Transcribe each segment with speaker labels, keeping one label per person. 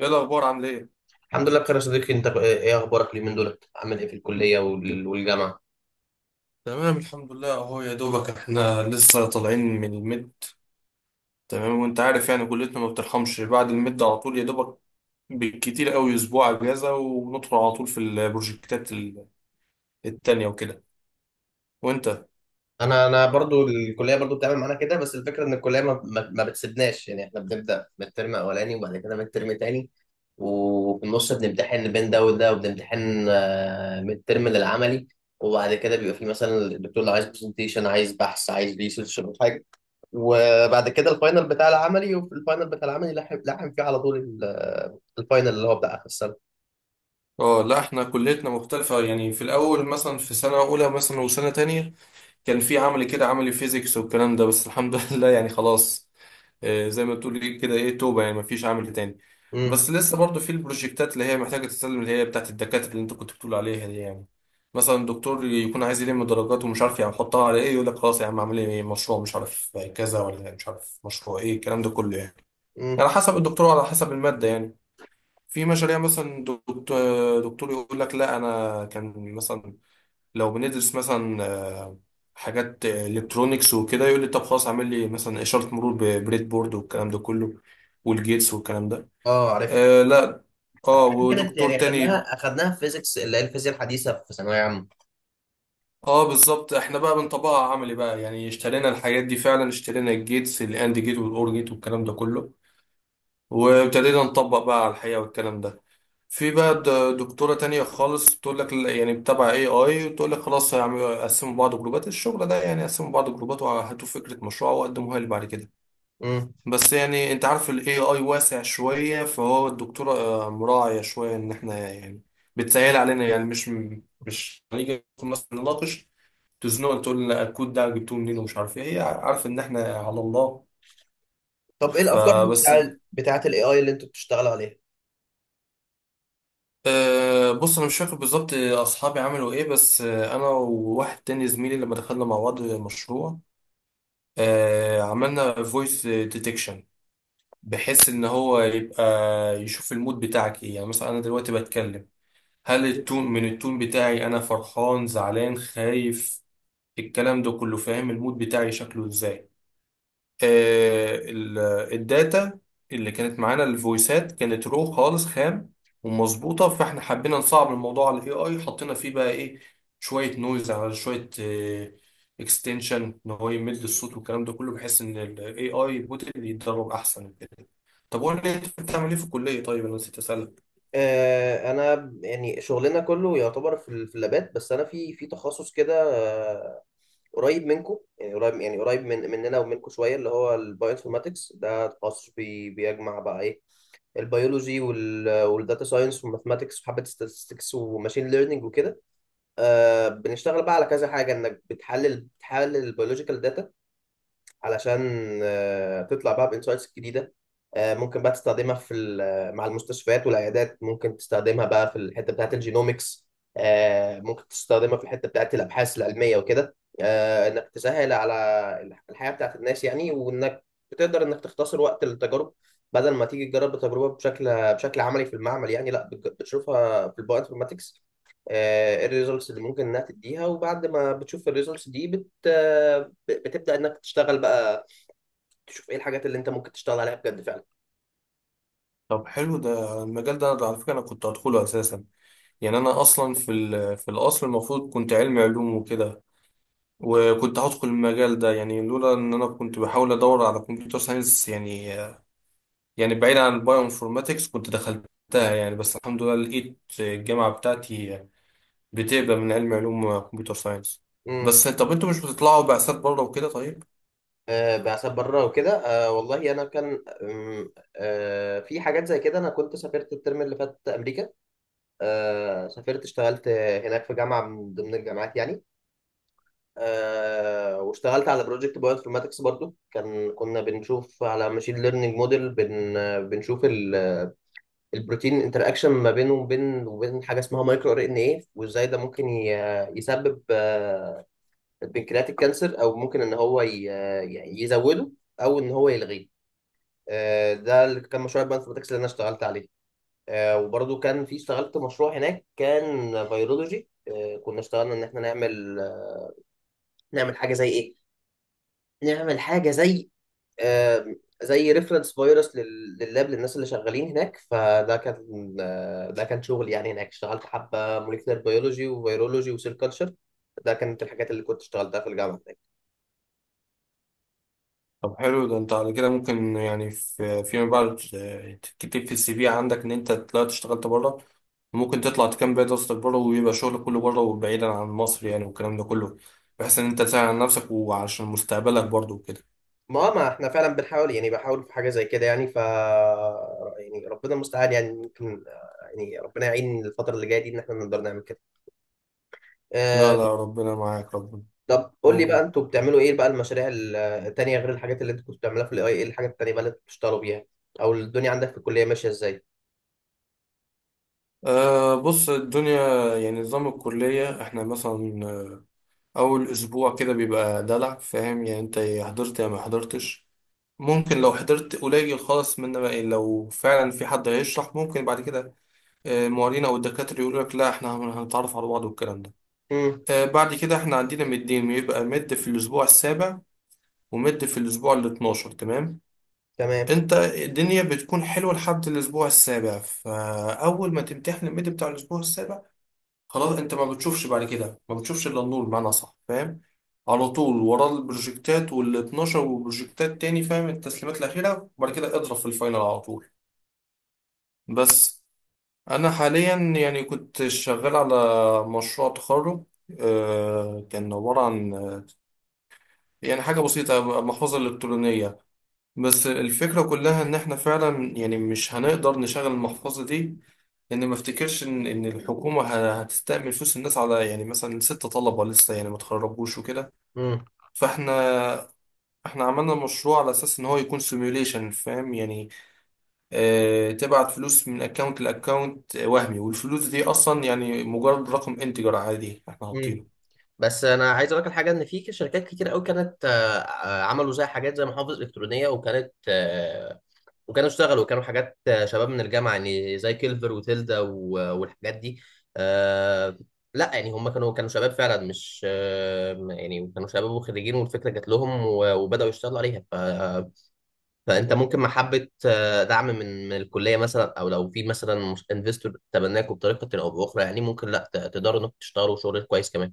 Speaker 1: ايه الاخبار؟ عامل ايه؟
Speaker 2: الحمد لله بخير يا صديقي، انت ايه اخبارك اليومين دول؟ عامل ايه في الكليه والجامعه؟
Speaker 1: تمام، الحمد لله، اهو يا دوبك احنا لسه طالعين من المد. تمام، وانت عارف يعني كليتنا ما بترحمش بعد المد على طول يا دوبك. بالكتير قوي اسبوع اجازه، وندخل على طول في البروجكتات التانية وكده. وانت؟
Speaker 2: انا برضو الكليه برضو بتعمل معانا كده، بس الفكره ان الكليه ما بتسيبناش، يعني احنا بنبدا من الترم اولاني وبعد كده من الترم تاني، وفي النص بنمتحن بين ده وده، وبنمتحن من الترم للعملي. وبعد كده بيبقى في مثلا الدكتور لو عايز برزنتيشن، عايز بحث، عايز ريسيرش او حاجه. وبعد كده الفاينل بتاع العملي، وفي الفاينل بتاع العملي لحم لحم فيه على طول الفاينل اللي هو بتاع اخر السنه.
Speaker 1: اه، لا، احنا كليتنا مختلفه، يعني في الاول مثلا في سنه اولى مثلا وسنه تانية، كان في عملي كده، عملي فيزيكس والكلام ده، بس الحمد لله يعني خلاص. زي ما تقول إيه كده، ايه توبة، يعني مفيش عمل تاني. بس
Speaker 2: امم.
Speaker 1: لسه برضو في البروجكتات اللي هي محتاجة تتسلم، اللي هي بتاعت الدكاترة اللي انت كنت بتقول عليها دي يعني. مثلا دكتور يكون عايز يلم درجات ومش عارف يحطها على ايه، يقول لك خلاص يا عم اعمل لي مشروع مش عارف كذا ولا مش عارف مشروع ايه، الكلام ده كله يعني على
Speaker 2: امم.
Speaker 1: حسب الدكتور وعلى حسب المادة يعني. في مشاريع، مثلا دكتور يقول لك لا انا كان مثلا لو بندرس مثلا حاجات الكترونيكس وكده، يقول لي طب خلاص اعمل لي مثلا اشاره مرور ببريد بورد والكلام ده كله، والجيتس والكلام ده.
Speaker 2: اه عارف.
Speaker 1: آه، لا. اه،
Speaker 2: كانت
Speaker 1: ودكتور
Speaker 2: يعني
Speaker 1: تاني.
Speaker 2: اخدناها في فيزيكس، اللي هي الفيزياء الحديثه في ثانويه عامه.
Speaker 1: اه بالظبط، احنا بقى بنطبقها عملي بقى، يعني اشترينا الحاجات دي فعلا، اشترينا الجيتس الاند جيت والاور جيت والكلام ده كله، وابتدينا نطبق بقى على الحقيقه والكلام ده. في بقى دكتورة تانية خالص تقول لك يعني بتابع اي اي، وتقول لك خلاص هيعملوا قسموا بعض جروبات، الشغل ده يعني قسموا بعض جروبات وهاتوا فكرة مشروع وقدموها لي بعد كده.
Speaker 2: امم.
Speaker 1: بس يعني انت عارف الاي اي واسع شوية، فهو الدكتورة مراعية شوية ان احنا يعني بتسهل علينا، يعني مش هنيجي مثلا نناقش، تزنق تقول لنا الكود ده جبتوه منين ومش عارف ايه، هي عارف ان احنا على الله
Speaker 2: طب ايه الافكار
Speaker 1: فبس.
Speaker 2: بتاعه الاي اي اللي انتوا بتشتغلوا عليها؟
Speaker 1: بص انا مش فاكر بالظبط اصحابي عملوا ايه، بس انا وواحد تاني زميلي لما دخلنا مع بعض المشروع، عملنا فويس ديتكشن، بحيث ان هو يبقى يشوف المود بتاعك ايه، يعني مثلا انا دلوقتي بتكلم، هل التون من التون بتاعي انا فرحان، زعلان، خايف، الكلام ده كله، فاهم المود بتاعي شكله ازاي. آه، ال- الداتا اللي كانت معانا، الفويسات كانت رو خالص، خام ومظبوطه، فاحنا حبينا نصعب الموضوع على الاي اي، حطينا فيه بقى ايه، شويه نويز، على شويه اكستنشن ان هو يمد الصوت والكلام ده كله، بحيث ان الاي اي بوتل يتدرب احسن كده. طب قول لي انت بتعمل ايه في الكليه طيب، انا نسيت اسالك.
Speaker 2: آه انا يعني شغلنا كله يعتبر في في اللابات، بس انا في تخصص كده، آه، قريب منكم، يعني قريب، يعني قريب من مننا ومنكم شويه، اللي هو البايوانفورماتكس. ده تخصص بيجمع بقى ايه؟ البيولوجي والداتا ساينس والماثماتكس وحبه statistics وماشين ليرنينج وكده. آه بنشتغل بقى على كذا حاجه، انك بتحلل البيولوجيكال داتا علشان تطلع بقى بانسايتس جديده. ممكن بقى تستخدمها في مع المستشفيات والعيادات، ممكن تستخدمها بقى في الحته بتاعت الجينومكس. ممكن تستخدمها في الحته بتاعت الابحاث العلميه وكده، انك تسهل على الحياه بتاعت الناس يعني، وانك بتقدر انك تختصر وقت التجارب، بدل ما تيجي تجرب التجربه بشكل عملي في المعمل، يعني لا، بتشوفها في البايو انفورماتكس الريزلتس اللي ممكن انها تديها. وبعد ما بتشوف الريزلتس دي بتبدا انك تشتغل بقى، تشوف ايه الحاجات اللي انت ممكن تشتغل عليها بجد فعلا.
Speaker 1: طب حلو ده المجال ده، أنا على فكره انا كنت هدخله اساسا. يعني انا اصلا في الاصل المفروض كنت علمي علوم وكده، وكنت هدخل المجال ده يعني، لولا ان انا كنت بحاول ادور على كمبيوتر ساينس يعني، يعني بعيد عن البايو انفورماتكس كنت دخلتها يعني، بس الحمد لله لقيت الجامعة بتاعتي بتقبل من علم علوم كمبيوتر ساينس.
Speaker 2: امم.
Speaker 1: بس طب انتوا مش بتطلعوا بعثات بره وكده طيب؟
Speaker 2: آه بعثات بره وكده. آه والله انا كان آه في حاجات زي كده، انا كنت سافرت الترم اللي فات امريكا. آه سافرت، اشتغلت هناك في جامعه من ضمن الجامعات يعني. آه واشتغلت على بروجكت بايو انفورماتكس برضو، كان كنا بنشوف على ماشين ليرنينج موديل، بنشوف البروتين انتراكشن ما بينه وبين حاجه اسمها مايكرو ار ان ايه، وازاي ده ممكن يسبب البنكرياتيك كانسر، او ممكن ان هو يعني يزوده او ان هو يلغيه. ده اللي كان مشروع البانثروماتكس اللي انا اشتغلت عليه. وبرضو كان في اشتغلت مشروع هناك كان بيولوجي، كنا اشتغلنا ان احنا نعمل، نعمل حاجه زي ايه حاجه زي آه، زي ريفرنس فيروس لللاب للناس اللي شغالين هناك. فده كان ده كان شغل يعني هناك، اشتغلت حبه موليكولر بيولوجي وفيرولوجي وسيل كلتشر. ده كانت الحاجات اللي كنت اشتغلتها في الجامعه.
Speaker 1: طب حلو ده، انت على كده ممكن يعني فيما بعد تكتب في السي في عندك ان انت طلعت اشتغلت بره، ممكن تطلع تكمل بقية دراستك بره ويبقى شغلك كله بره وبعيدا عن مصر يعني والكلام ده كله، بحيث ان انت تساعد على نفسك وعشان مستقبلك برضه وكده.
Speaker 2: ما احنا فعلا بنحاول، يعني بحاول في حاجه زي كده يعني، ف يعني ربنا المستعان، يعني ممكن يعني ربنا يعين الفتره اللي جايه دي ان احنا نقدر نعمل كده.
Speaker 1: لا،
Speaker 2: آه.
Speaker 1: لا، ربنا معاك، ربنا.
Speaker 2: طب قول لي بقى،
Speaker 1: أوه.
Speaker 2: انتوا بتعملوا ايه بقى المشاريع التانيه، غير الحاجات اللي انتوا كنتوا بتعملوها في الاي ايه؟ الحاجات التانيه بقى اللي انتوا بتشتغلوا بيها، او الدنيا عندك في الكليه ماشيه ازاي؟
Speaker 1: آه، بص، الدنيا يعني نظام الكلية احنا مثلا، أول أسبوع كده بيبقى دلع، فاهم، يعني انت يا حضرت يا ما حضرتش، ممكن لو حضرت قليل خالص منه بقى لو فعلا في حد هيشرح ممكن بعد كده المعيدين أو الدكاترة يقولوا لك لا احنا هنتعرف على بعض والكلام ده.
Speaker 2: امم.
Speaker 1: بعد كده احنا عندنا مدين، بيبقى مد في الأسبوع السابع، ومد في الأسبوع الاتناشر، تمام.
Speaker 2: تمام.
Speaker 1: انت الدنيا بتكون حلوة لحد الأسبوع السابع، فأول ما تمتحن المد بتاع الأسبوع السابع، خلاص انت ما بتشوفش بعد كده، ما بتشوفش إلا النور بمعنى صح، فاهم، على طول وراه البروجكتات والاتناشر وبروجكتات تاني، فاهم، التسليمات الأخيرة، وبعد كده اضرب في الفاينل على طول. بس أنا حاليا يعني كنت شغال على مشروع تخرج، كان عبارة عن يعني حاجة بسيطة، المحفظة الإلكترونية. بس الفكرة كلها إن إحنا فعلا يعني مش هنقدر نشغل المحفظة دي، لأن ما أفتكرش إن الحكومة هتستأمن فلوس الناس على يعني مثلا ست طلبة لسه يعني ما اتخرجوش وكده.
Speaker 2: امم.
Speaker 1: فإحنا إحنا عملنا مشروع على أساس إن هو يكون سيميوليشن، فاهم يعني، اه تبعت فلوس من أكاونت لأكاونت وهمي، والفلوس دي أصلا يعني مجرد رقم انتجر عادي إحنا
Speaker 2: امم.
Speaker 1: حاطينه.
Speaker 2: بس انا عايز اقول لك الحاجه، ان في شركات كتير قوي كانت عملوا زي حاجات زي محافظ الكترونيه، وكانت وكانوا اشتغلوا، كانوا حاجات شباب من الجامعه يعني، زي كيلفر وتيلدا والحاجات دي. آه لا يعني هم كانوا شباب فعلا مش آه، يعني كانوا شباب وخريجين، والفكره جات لهم وبداوا يشتغلوا عليها. ف فانت ممكن محبه دعم من من الكليه مثلا، او لو في مثلا انفستور تبناكوا بطريقه او باخرى، يعني ممكن لا تقدروا انكم تشتغلوا شغل كويس كمان.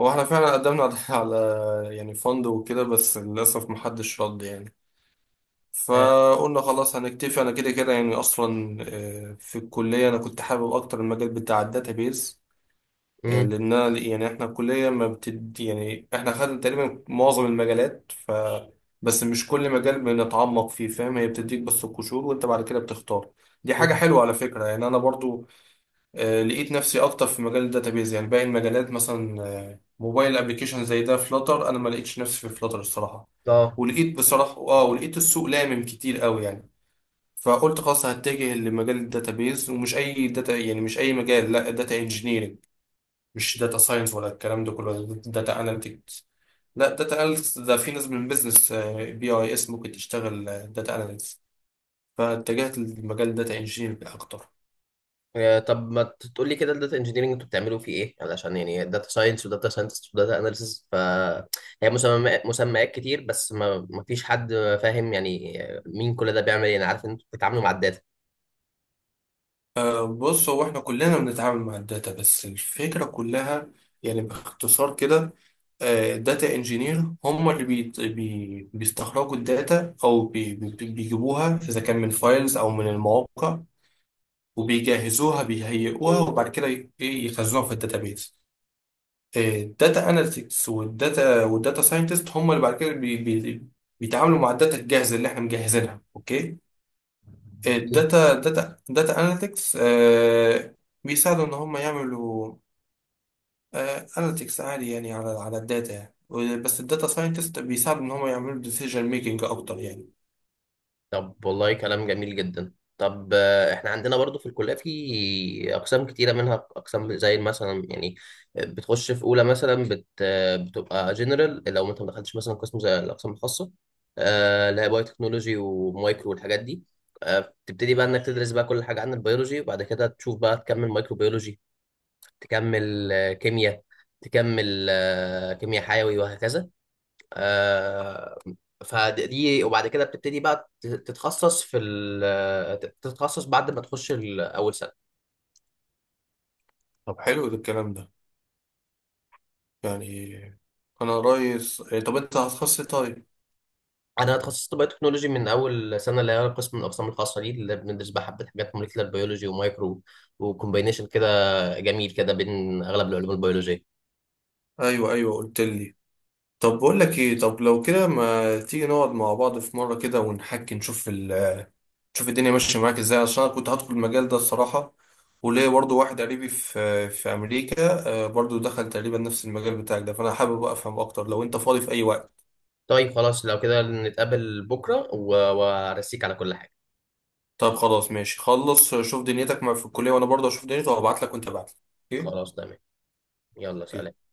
Speaker 1: هو إحنا فعلا قدمنا على يعني فند وكده، بس للأسف محدش رد يعني،
Speaker 2: آه.
Speaker 1: فقلنا خلاص هنكتفي انا كده كده يعني اصلا. في الكليه انا كنت حابب اكتر المجال بتاع الداتابيز،
Speaker 2: امم.
Speaker 1: لان يعني احنا الكليه ما بتد يعني احنا خدنا تقريبا معظم المجالات، ف بس مش كل مجال بنتعمق فيه، فاهم، هي بتديك بس القشور، وانت بعد كده بتختار. دي حاجه
Speaker 2: امم.
Speaker 1: حلوه على فكره يعني، انا برضو لقيت نفسي اكتر في مجال الداتابيز، يعني باقي المجالات مثلا موبايل ابلكيشن زي ده، فلاتر انا ما لقيتش نفسي في فلاتر الصراحه،
Speaker 2: اه.
Speaker 1: ولقيت بصراحه ولقيت السوق لامم كتير قوي يعني، فقلت خلاص هتجه لمجال الداتابيز، ومش اي داتا، يعني مش اي مجال، لا داتا انجينيرنج، مش داتا ساينس ولا الكلام ده كله، ولا داتا اناليتكس. لا داتا اناليتكس ده في ناس من بيزنس، بي اي اس ممكن تشتغل داتا اناليتكس. فاتجهت لمجال داتا انجينيرنج اكتر.
Speaker 2: طب ما تقول لي كده، الداتا انجينيرنج انتوا بتعملوا فيه ايه؟ علشان يعني داتا ساينس وداتا ساينتست وداتا اناليسيس، ف هي مسميات كتير بس ما فيش حد فاهم يعني مين كل ده بيعمل ايه. انا عارف ان انتوا بتتعاملوا مع الداتا.
Speaker 1: بص، هو احنا كلنا بنتعامل مع الداتا، بس الفكرة كلها يعني باختصار كده، الداتا انجينير هم اللي بي بي بيستخرجوا الداتا، او بيجيبوها اذا كان من فايلز او من المواقع، وبيجهزوها، بيهيئوها، وبعد كده ي- ايه يخزنوها في الداتابيز. الداتا اناليتكس والداتا ساينتست هم اللي بعد كده بي بي بيتعاملوا مع الداتا الجاهزه اللي احنا مجهزينها، اوكي. الداتا داتا داتا اناليتكس بيساعدوا ان هم يعملوا اناليتكس عالي يعني، على الداتا يعني، بس الداتا ساينتست بيساعدوا ان هم يعملوا ديسيجن ميكنج اكتر يعني.
Speaker 2: طب والله كلام جميل جدا. طب احنا عندنا برضو في الكلية في أقسام كتيرة، منها أقسام زي مثلا يعني بتخش في أولى مثلا بت آه، بتبقى جنرال لو أنت ما دخلتش مثلا قسم زي الأقسام الخاصة، اللي هي بايو تكنولوجي ومايكرو والحاجات دي. بتبتدي بقى إنك تدرس بقى كل حاجة عن البيولوجي، وبعد كده تشوف بقى تكمل مايكرو بيولوجي، تكمل كيمياء، تكمل كيمياء حيوي، وهكذا. آه، فدي. وبعد كده بتبتدي بقى تتخصص في تتخصص بعد ما تخش اول سنه.
Speaker 1: طب حلو ده الكلام ده يعني، انا رئيس إيه، طب انت هتخصص إيه طيب؟
Speaker 2: انا اتخصصت بايو تكنولوجي من اول سنه، اللي هي قسم من الاقسام الخاصه دي، اللي بندرس بقى حبه حاجات موليكيولر بيولوجي ومايكرو، وكومبينيشن كده جميل كده بين اغلب العلوم البيولوجيه.
Speaker 1: ايوه، ايوه، قلت لي. طب بقول لك ايه، طب لو كده ما تيجي نقعد مع بعض في مره كده ونحكي، نشوف نشوف الدنيا ماشيه معاك ازاي، عشان انا كنت هدخل المجال ده الصراحه، وليه برضو واحد قريبي في امريكا برضو دخل تقريبا نفس المجال بتاعك ده، فانا حابب افهم اكتر لو انت فاضي في اي وقت.
Speaker 2: طيب خلاص، لو كده نتقابل بكره وارسيك على كل حاجه.
Speaker 1: طب خلاص ماشي، خلص شوف دنيتك في الكليه، وانا برضو اشوف دنيتي، وابعت لك وانت ابعت لي. اوكي.
Speaker 2: خلاص تمام. يلا سلام.
Speaker 1: اوكي.